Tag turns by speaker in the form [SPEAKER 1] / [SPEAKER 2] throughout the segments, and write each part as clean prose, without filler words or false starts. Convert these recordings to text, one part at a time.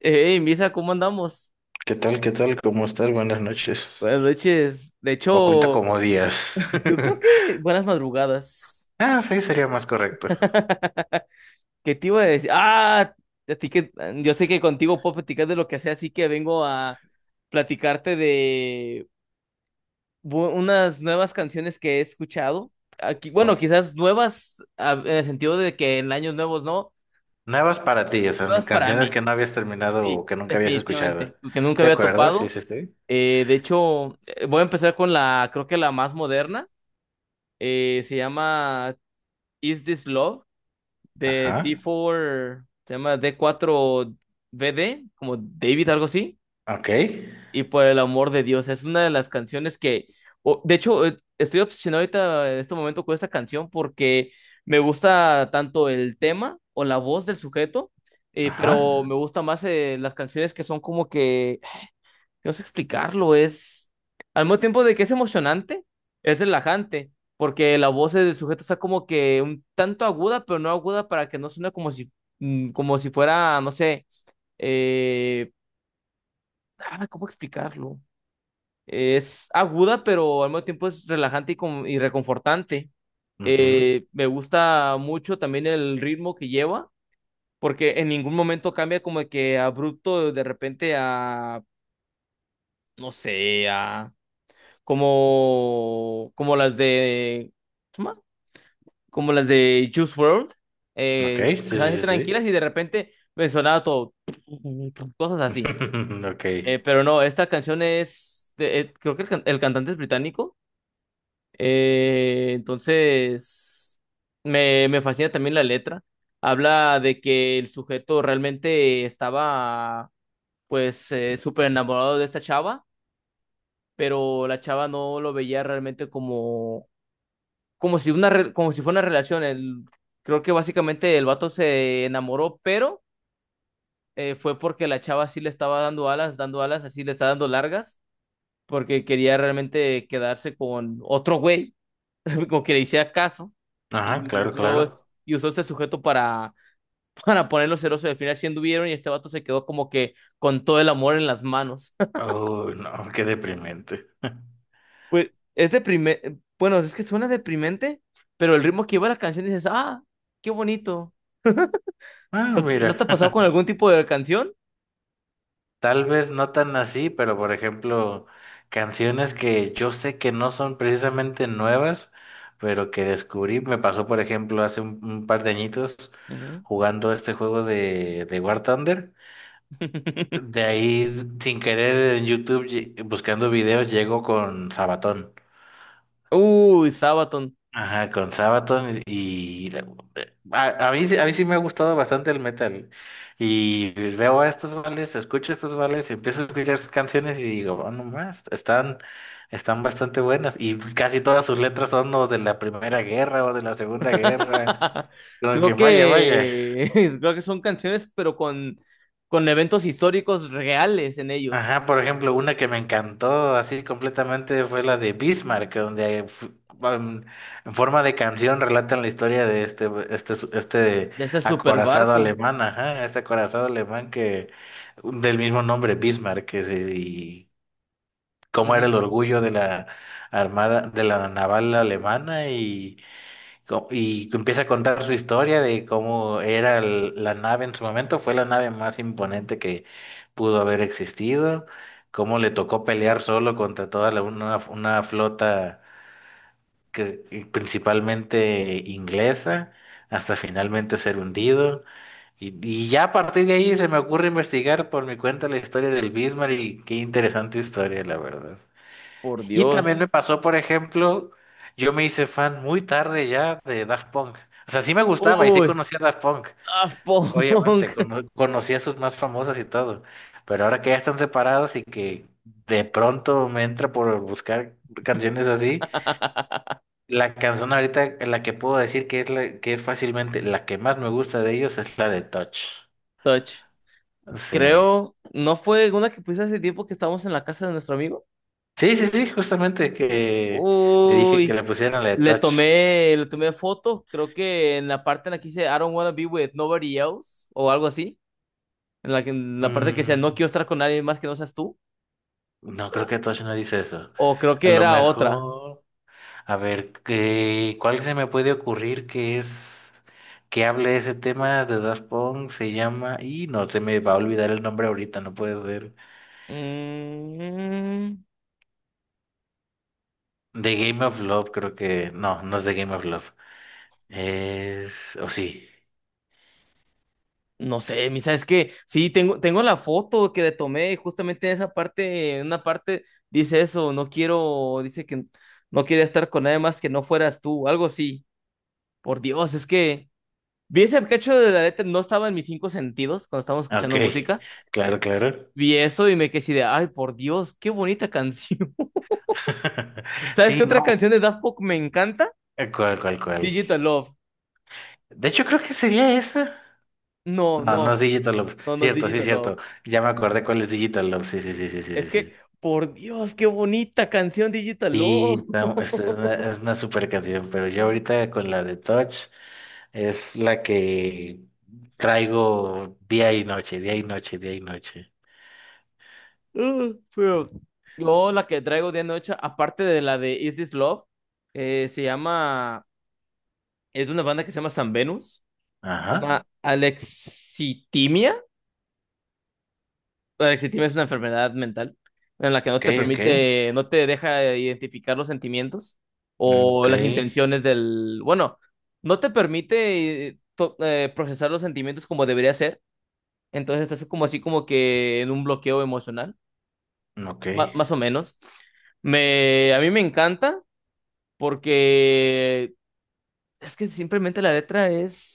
[SPEAKER 1] Hey, Misa, ¿cómo andamos?
[SPEAKER 2] ¿Qué tal? ¿Qué tal? ¿Cómo estás? Buenas noches.
[SPEAKER 1] Buenas noches. De
[SPEAKER 2] O cuenta
[SPEAKER 1] hecho,
[SPEAKER 2] como días.
[SPEAKER 1] yo creo que buenas madrugadas.
[SPEAKER 2] Ah, sí, sería más correcto.
[SPEAKER 1] ¿Qué te iba a decir? Ah, a ti que yo sé que contigo puedo platicar de lo que sea, así que vengo a platicarte de unas nuevas canciones que he escuchado. Aquí, bueno,
[SPEAKER 2] Bueno,
[SPEAKER 1] quizás nuevas en el sentido de que en años nuevos no,
[SPEAKER 2] nuevas para ti, o sea, no-
[SPEAKER 1] nuevas para
[SPEAKER 2] canciones
[SPEAKER 1] mí.
[SPEAKER 2] que no habías terminado
[SPEAKER 1] Sí,
[SPEAKER 2] o que nunca habías escuchado.
[SPEAKER 1] definitivamente, que nunca
[SPEAKER 2] ¿De
[SPEAKER 1] había
[SPEAKER 2] acuerdo? Sí,
[SPEAKER 1] topado.
[SPEAKER 2] sí, sí.
[SPEAKER 1] De hecho, voy a empezar con la, creo que la más moderna. Se llama Is This Love de
[SPEAKER 2] Ajá.
[SPEAKER 1] D4, se llama D4BD, como David, algo así.
[SPEAKER 2] Ok.
[SPEAKER 1] Y por el amor de Dios, es una de las canciones que, de hecho, estoy obsesionado ahorita en este momento con esta canción porque me gusta tanto el tema o la voz del sujeto,
[SPEAKER 2] Ajá.
[SPEAKER 1] pero me gusta más las canciones que son como que no sé explicarlo, es al mismo tiempo de que es emocionante, es relajante, porque la voz del sujeto está como que un tanto aguda, pero no aguda para que no suene como si, como si fuera, no sé, eh, ah, ¿cómo explicarlo? Es aguda, pero al mismo tiempo es relajante y, y reconfortante.
[SPEAKER 2] Ujú.
[SPEAKER 1] Me gusta mucho también el ritmo que lleva, porque en ningún momento cambia como que abrupto de repente a, no sé, a como las de, ¿cómo se llama? Como las de Juice World
[SPEAKER 2] Ok. Sí,
[SPEAKER 1] empezaban a
[SPEAKER 2] sí,
[SPEAKER 1] ser
[SPEAKER 2] sí,
[SPEAKER 1] tranquilas
[SPEAKER 2] sí.
[SPEAKER 1] y de repente me sonaba todo, cosas así.
[SPEAKER 2] Ok.
[SPEAKER 1] Pero no, esta canción es, creo que el cantante es británico, entonces me fascina también la letra. Habla de que el sujeto realmente estaba, pues, súper enamorado de esta chava, pero la chava no lo veía realmente como si una como si fuera una relación. El, creo que básicamente el vato se enamoró, pero fue porque la chava sí le estaba dando alas, así le está dando largas, porque quería realmente quedarse con otro güey, como que le hiciera caso,
[SPEAKER 2] Ajá,
[SPEAKER 1] y
[SPEAKER 2] claro,
[SPEAKER 1] usó,
[SPEAKER 2] claro.
[SPEAKER 1] y usó este sujeto para, para ponerlo celoso. Y al final sí anduvieron y este vato se quedó como que con todo el amor en las manos.
[SPEAKER 2] Oh, no, qué deprimente.
[SPEAKER 1] Pues es deprimente, bueno, es que suena deprimente, pero el ritmo que iba la canción dices, ah, qué bonito.
[SPEAKER 2] Ah,
[SPEAKER 1] ¿No, no te
[SPEAKER 2] mira.
[SPEAKER 1] ha pasado con algún tipo de canción?
[SPEAKER 2] Tal vez no tan así, pero por ejemplo, canciones que yo sé que no son precisamente nuevas, pero que descubrí, me pasó por ejemplo hace un par de añitos
[SPEAKER 1] Ujú.
[SPEAKER 2] jugando este juego de War Thunder. De ahí, sin querer, en YouTube, lle- buscando videos, llego con Sabatón.
[SPEAKER 1] Uy, Sabaton.
[SPEAKER 2] Ajá, con Sabaton y la- a mí sí me ha gustado bastante el metal. Y veo a estos vales, escucho estos vales, empiezo a escuchar sus canciones y digo, oh, no más, están, están bastante buenas. Y casi todas sus letras son o de la Primera Guerra o de la Segunda Guerra. Como que
[SPEAKER 1] Creo
[SPEAKER 2] vaya, vaya.
[SPEAKER 1] que creo que son canciones, pero con eventos históricos reales en ellos.
[SPEAKER 2] Ajá, por ejemplo, una que me encantó así completamente fue la de Bismarck, donde fu- um, en forma de canción relatan la historia de este, este, su- este
[SPEAKER 1] De ese super
[SPEAKER 2] acorazado
[SPEAKER 1] barco.
[SPEAKER 2] alemán, ajá, este acorazado alemán que del mismo nombre, Bismarck, que se- y cómo era el orgullo de la armada, de la naval alemana y co- y que empieza a contar su historia de cómo era el- la nave en su momento. Fue la nave más imponente que pudo haber existido, cómo le tocó pelear solo contra toda la- una flota que, y principalmente inglesa, hasta finalmente ser hundido. Y ya a partir de ahí se me ocurre investigar por mi cuenta la historia del Bismarck y qué interesante historia, la verdad.
[SPEAKER 1] Por
[SPEAKER 2] Y también
[SPEAKER 1] Dios.
[SPEAKER 2] me pasó, por ejemplo, yo me hice fan muy tarde ya de Daft Punk. O sea, sí me gustaba y sí
[SPEAKER 1] Uy,
[SPEAKER 2] conocía a Daft Punk.
[SPEAKER 1] Daft
[SPEAKER 2] Obviamente,
[SPEAKER 1] Punk.
[SPEAKER 2] cono- conocía a sus más famosas y todo. Pero ahora que ya están separados y que de pronto me entra por buscar canciones así, la canción ahorita, la que puedo decir que es la, que es fácilmente la que más me gusta de ellos es la de Touch.
[SPEAKER 1] Touch.
[SPEAKER 2] Sí.
[SPEAKER 1] Creo, ¿no fue una que puse hace tiempo que estábamos en la casa de nuestro amigo?
[SPEAKER 2] Sí, sí, sí, justamente que le dije que
[SPEAKER 1] Uy,
[SPEAKER 2] le pusieran la de Touch.
[SPEAKER 1] le tomé foto, creo que en la parte en la que dice I don't wanna be with nobody else o algo así, en la que en la parte que dice no
[SPEAKER 2] Mm.
[SPEAKER 1] quiero estar con nadie más que no seas tú,
[SPEAKER 2] No creo
[SPEAKER 1] o,
[SPEAKER 2] que Tosh no dice eso.
[SPEAKER 1] o creo
[SPEAKER 2] A
[SPEAKER 1] que
[SPEAKER 2] lo
[SPEAKER 1] era otra.
[SPEAKER 2] mejor, a ver, ¿qué- ¿cuál se me puede ocurrir que es que hable ese tema de Daft Punk? Se llama, y no se me va a olvidar el nombre ahorita, no puede ser.
[SPEAKER 1] Mm,
[SPEAKER 2] The Game of Love, creo que, no, no es The Game of Love. Es, o sí.
[SPEAKER 1] no sé, misa, es que sí, tengo la foto que le tomé justamente en esa parte, en una parte dice eso, no quiero, dice que no quería estar con nadie más que no fueras tú, algo así. Por Dios, es que vi ese cacho de la letra, no estaba en mis cinco sentidos cuando estábamos
[SPEAKER 2] Ok,
[SPEAKER 1] escuchando música.
[SPEAKER 2] claro, claro.
[SPEAKER 1] Vi eso y me quedé así de, ay, por Dios, qué bonita canción. ¿Sabes
[SPEAKER 2] Sí,
[SPEAKER 1] qué otra
[SPEAKER 2] no,
[SPEAKER 1] canción de Daft Punk me encanta?
[SPEAKER 2] cuál, cuál, cuál.
[SPEAKER 1] Digital Love.
[SPEAKER 2] De hecho, creo que sería esa.
[SPEAKER 1] No,
[SPEAKER 2] No, no
[SPEAKER 1] no,
[SPEAKER 2] es Digital Love.
[SPEAKER 1] no, no,
[SPEAKER 2] Cierto, sí,
[SPEAKER 1] Digital
[SPEAKER 2] cierto.
[SPEAKER 1] Love.
[SPEAKER 2] Ya me acordé cuál es Digital Love. Sí, sí, sí, sí, sí, sí.
[SPEAKER 1] Es que,
[SPEAKER 2] Sí,
[SPEAKER 1] por Dios, qué bonita canción Digital Love.
[SPEAKER 2] sí, está- esta es una super canción, pero yo ahorita con la de Touch es la que traigo día y noche, día y noche, día y noche.
[SPEAKER 1] Pero yo la que traigo de noche, aparte de la de Is This Love, se llama, es de una banda que se llama San Venus, se
[SPEAKER 2] Ajá.
[SPEAKER 1] llama Alexitimia. El exitismo es una enfermedad mental en la que no
[SPEAKER 2] Ok,
[SPEAKER 1] te
[SPEAKER 2] ok.
[SPEAKER 1] permite, no te deja identificar los sentimientos
[SPEAKER 2] Mm,
[SPEAKER 1] o
[SPEAKER 2] ok,
[SPEAKER 1] las intenciones del, bueno, no te permite procesar los sentimientos como debería ser, entonces estás como así como que en un bloqueo emocional,
[SPEAKER 2] ok,
[SPEAKER 1] más o menos. A mí me encanta porque es que simplemente la letra es,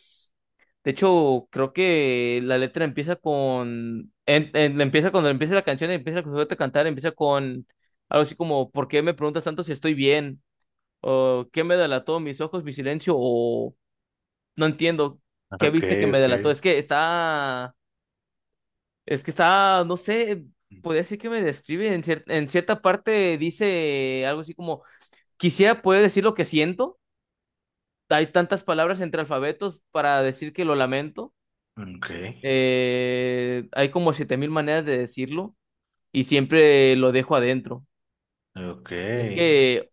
[SPEAKER 1] de hecho, creo que la letra empieza con, empieza cuando empieza la canción, empieza a sujeto a cantar, empieza con algo así como: ¿Por qué me preguntas tanto si estoy bien? ¿O qué me delató? ¿Mis ojos, mi silencio? ¿O no entiendo qué
[SPEAKER 2] ok,
[SPEAKER 1] viste que me
[SPEAKER 2] ok.
[SPEAKER 1] delató? Es que está. Es que está. No sé. Podría decir que me describe. En cierta parte dice algo así como: Quisiera poder decir lo que siento. Hay tantas palabras entre alfabetos para decir que lo lamento.
[SPEAKER 2] Ok,
[SPEAKER 1] Hay como 7.000 maneras de decirlo y siempre lo dejo adentro.
[SPEAKER 2] ok.
[SPEAKER 1] Es que,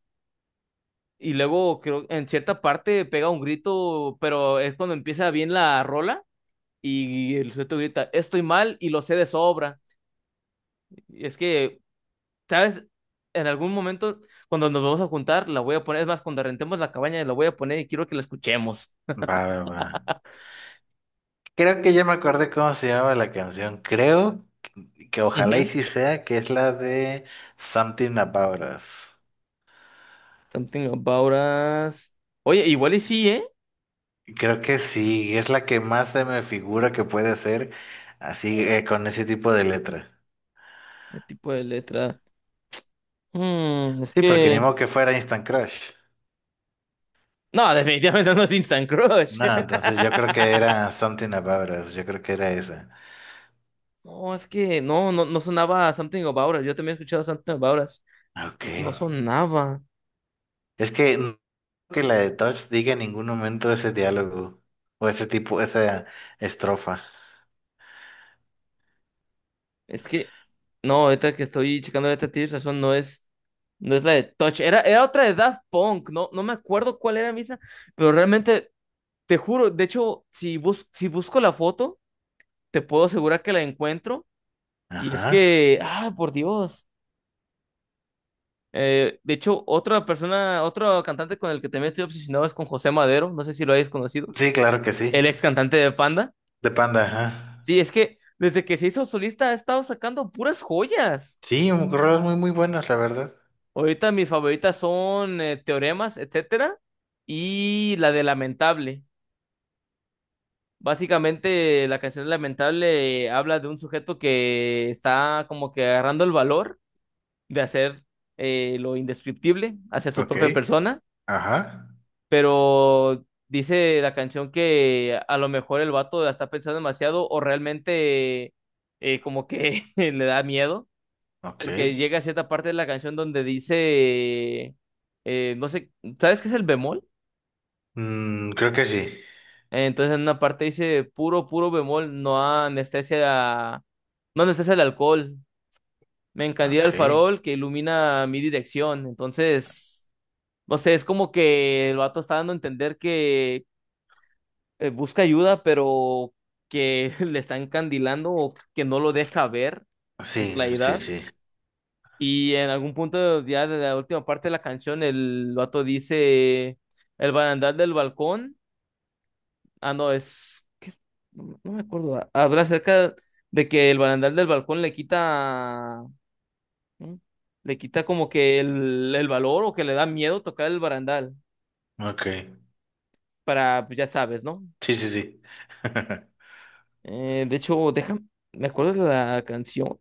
[SPEAKER 1] y luego creo en cierta parte pega un grito, pero es cuando empieza bien la rola y el sujeto grita, estoy mal y lo sé de sobra. Y es que, ¿sabes? En algún momento, cuando nos vamos a juntar, la voy a poner, es más, cuando rentemos la cabaña, la voy a poner y quiero que la escuchemos.
[SPEAKER 2] Va, va, va. Creo que ya me acordé cómo se llama la canción. Creo. Que ojalá y
[SPEAKER 1] Ujú.
[SPEAKER 2] sí sea, que es la de Something About Us.
[SPEAKER 1] Something About Us. Oye, igual y sí, ¿eh?
[SPEAKER 2] Creo que sí, es la que más se me figura que puede ser así con ese tipo de letra.
[SPEAKER 1] El tipo de letra. Es
[SPEAKER 2] Sí, porque ni
[SPEAKER 1] que.
[SPEAKER 2] modo que fuera Instant Crush.
[SPEAKER 1] No, definitivamente no es Instant Crush.
[SPEAKER 2] No, entonces yo creo que era Something About Us, yo creo que era esa.
[SPEAKER 1] No, es que no, no, no sonaba Something About Us. Yo también he escuchado Something About Us.
[SPEAKER 2] Ah, ok.
[SPEAKER 1] No, no sonaba.
[SPEAKER 2] Es que no creo que la de Touch diga en ningún momento ese diálogo o ese tipo, esa estrofa.
[SPEAKER 1] Es que, no, ahorita que estoy checando esta tienes razón, no es la de Touch. Era otra de Daft Punk. No, no me acuerdo cuál era misma, pero realmente, te juro, de hecho, si busco la foto, te puedo asegurar que la encuentro. Y es
[SPEAKER 2] Ajá.
[SPEAKER 1] que, ah, por Dios. De hecho, otra persona, otro cantante con el que también estoy obsesionado es con José Madero. No sé si lo hayas conocido.
[SPEAKER 2] Sí, claro que sí.
[SPEAKER 1] El ex cantante de Panda.
[SPEAKER 2] De Panda, ajá.
[SPEAKER 1] Sí, es que desde que se hizo solista ha estado sacando puras joyas.
[SPEAKER 2] Sí, rolas muy buenas, la verdad.
[SPEAKER 1] Ahorita mis favoritas son Teoremas, etcétera, y la de Lamentable. Básicamente, la canción Lamentable habla de un sujeto que está como que agarrando el valor de hacer lo indescriptible hacia su
[SPEAKER 2] Ok,
[SPEAKER 1] propia persona,
[SPEAKER 2] ajá,
[SPEAKER 1] pero dice la canción que a lo mejor el vato la está pensando demasiado o realmente como que le da miedo,
[SPEAKER 2] ok.
[SPEAKER 1] porque llega a cierta parte de la canción donde dice, no sé, ¿sabes qué es el bemol?
[SPEAKER 2] Mm, creo que sí.
[SPEAKER 1] Entonces en una parte dice puro, puro bemol, no anestesia, no anestesia el alcohol, me encandila el
[SPEAKER 2] Ok,
[SPEAKER 1] farol que ilumina mi dirección, entonces. No sé, es como que el vato está dando a entender que busca ayuda, pero que le está encandilando o que no lo deja ver con
[SPEAKER 2] sí, sí,
[SPEAKER 1] claridad.
[SPEAKER 2] sí.
[SPEAKER 1] Y en algún punto ya de la última parte de la canción, el vato dice, el barandal del balcón, ah, no, es, ¿qué es? No, no me acuerdo, ah, habla acerca de que el barandal del balcón le quita, ¿no? Le quita como que el valor o que le da miedo tocar el barandal,
[SPEAKER 2] Ok,
[SPEAKER 1] para, pues, ya sabes, ¿no?
[SPEAKER 2] sí, sí, sí.
[SPEAKER 1] De hecho, déjame, me acuerdo de la canción.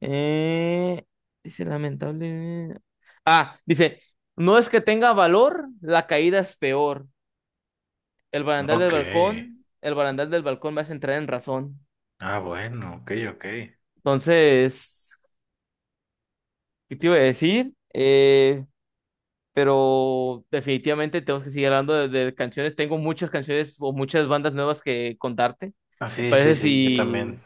[SPEAKER 1] Eh, dice lamentable. Ah, dice, no es que tenga valor, la caída es peor. El barandal del
[SPEAKER 2] Ok,
[SPEAKER 1] balcón, el barandal del balcón me hace entrar en razón.
[SPEAKER 2] ah, bueno, ok, ok.
[SPEAKER 1] Entonces, ¿qué te iba a decir? Pero definitivamente tenemos que seguir hablando de, canciones. Tengo muchas canciones o muchas bandas nuevas que contarte.
[SPEAKER 2] Ah,
[SPEAKER 1] ¿Te
[SPEAKER 2] sí, sí,
[SPEAKER 1] parece
[SPEAKER 2] sí, yo
[SPEAKER 1] si,
[SPEAKER 2] también.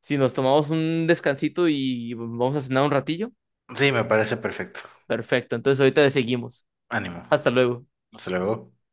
[SPEAKER 1] si nos tomamos un descansito y vamos a cenar un ratillo?
[SPEAKER 2] Sí, me parece perfecto.
[SPEAKER 1] Perfecto, entonces ahorita le seguimos.
[SPEAKER 2] Ánimo.
[SPEAKER 1] Hasta luego.
[SPEAKER 2] Hasta luego.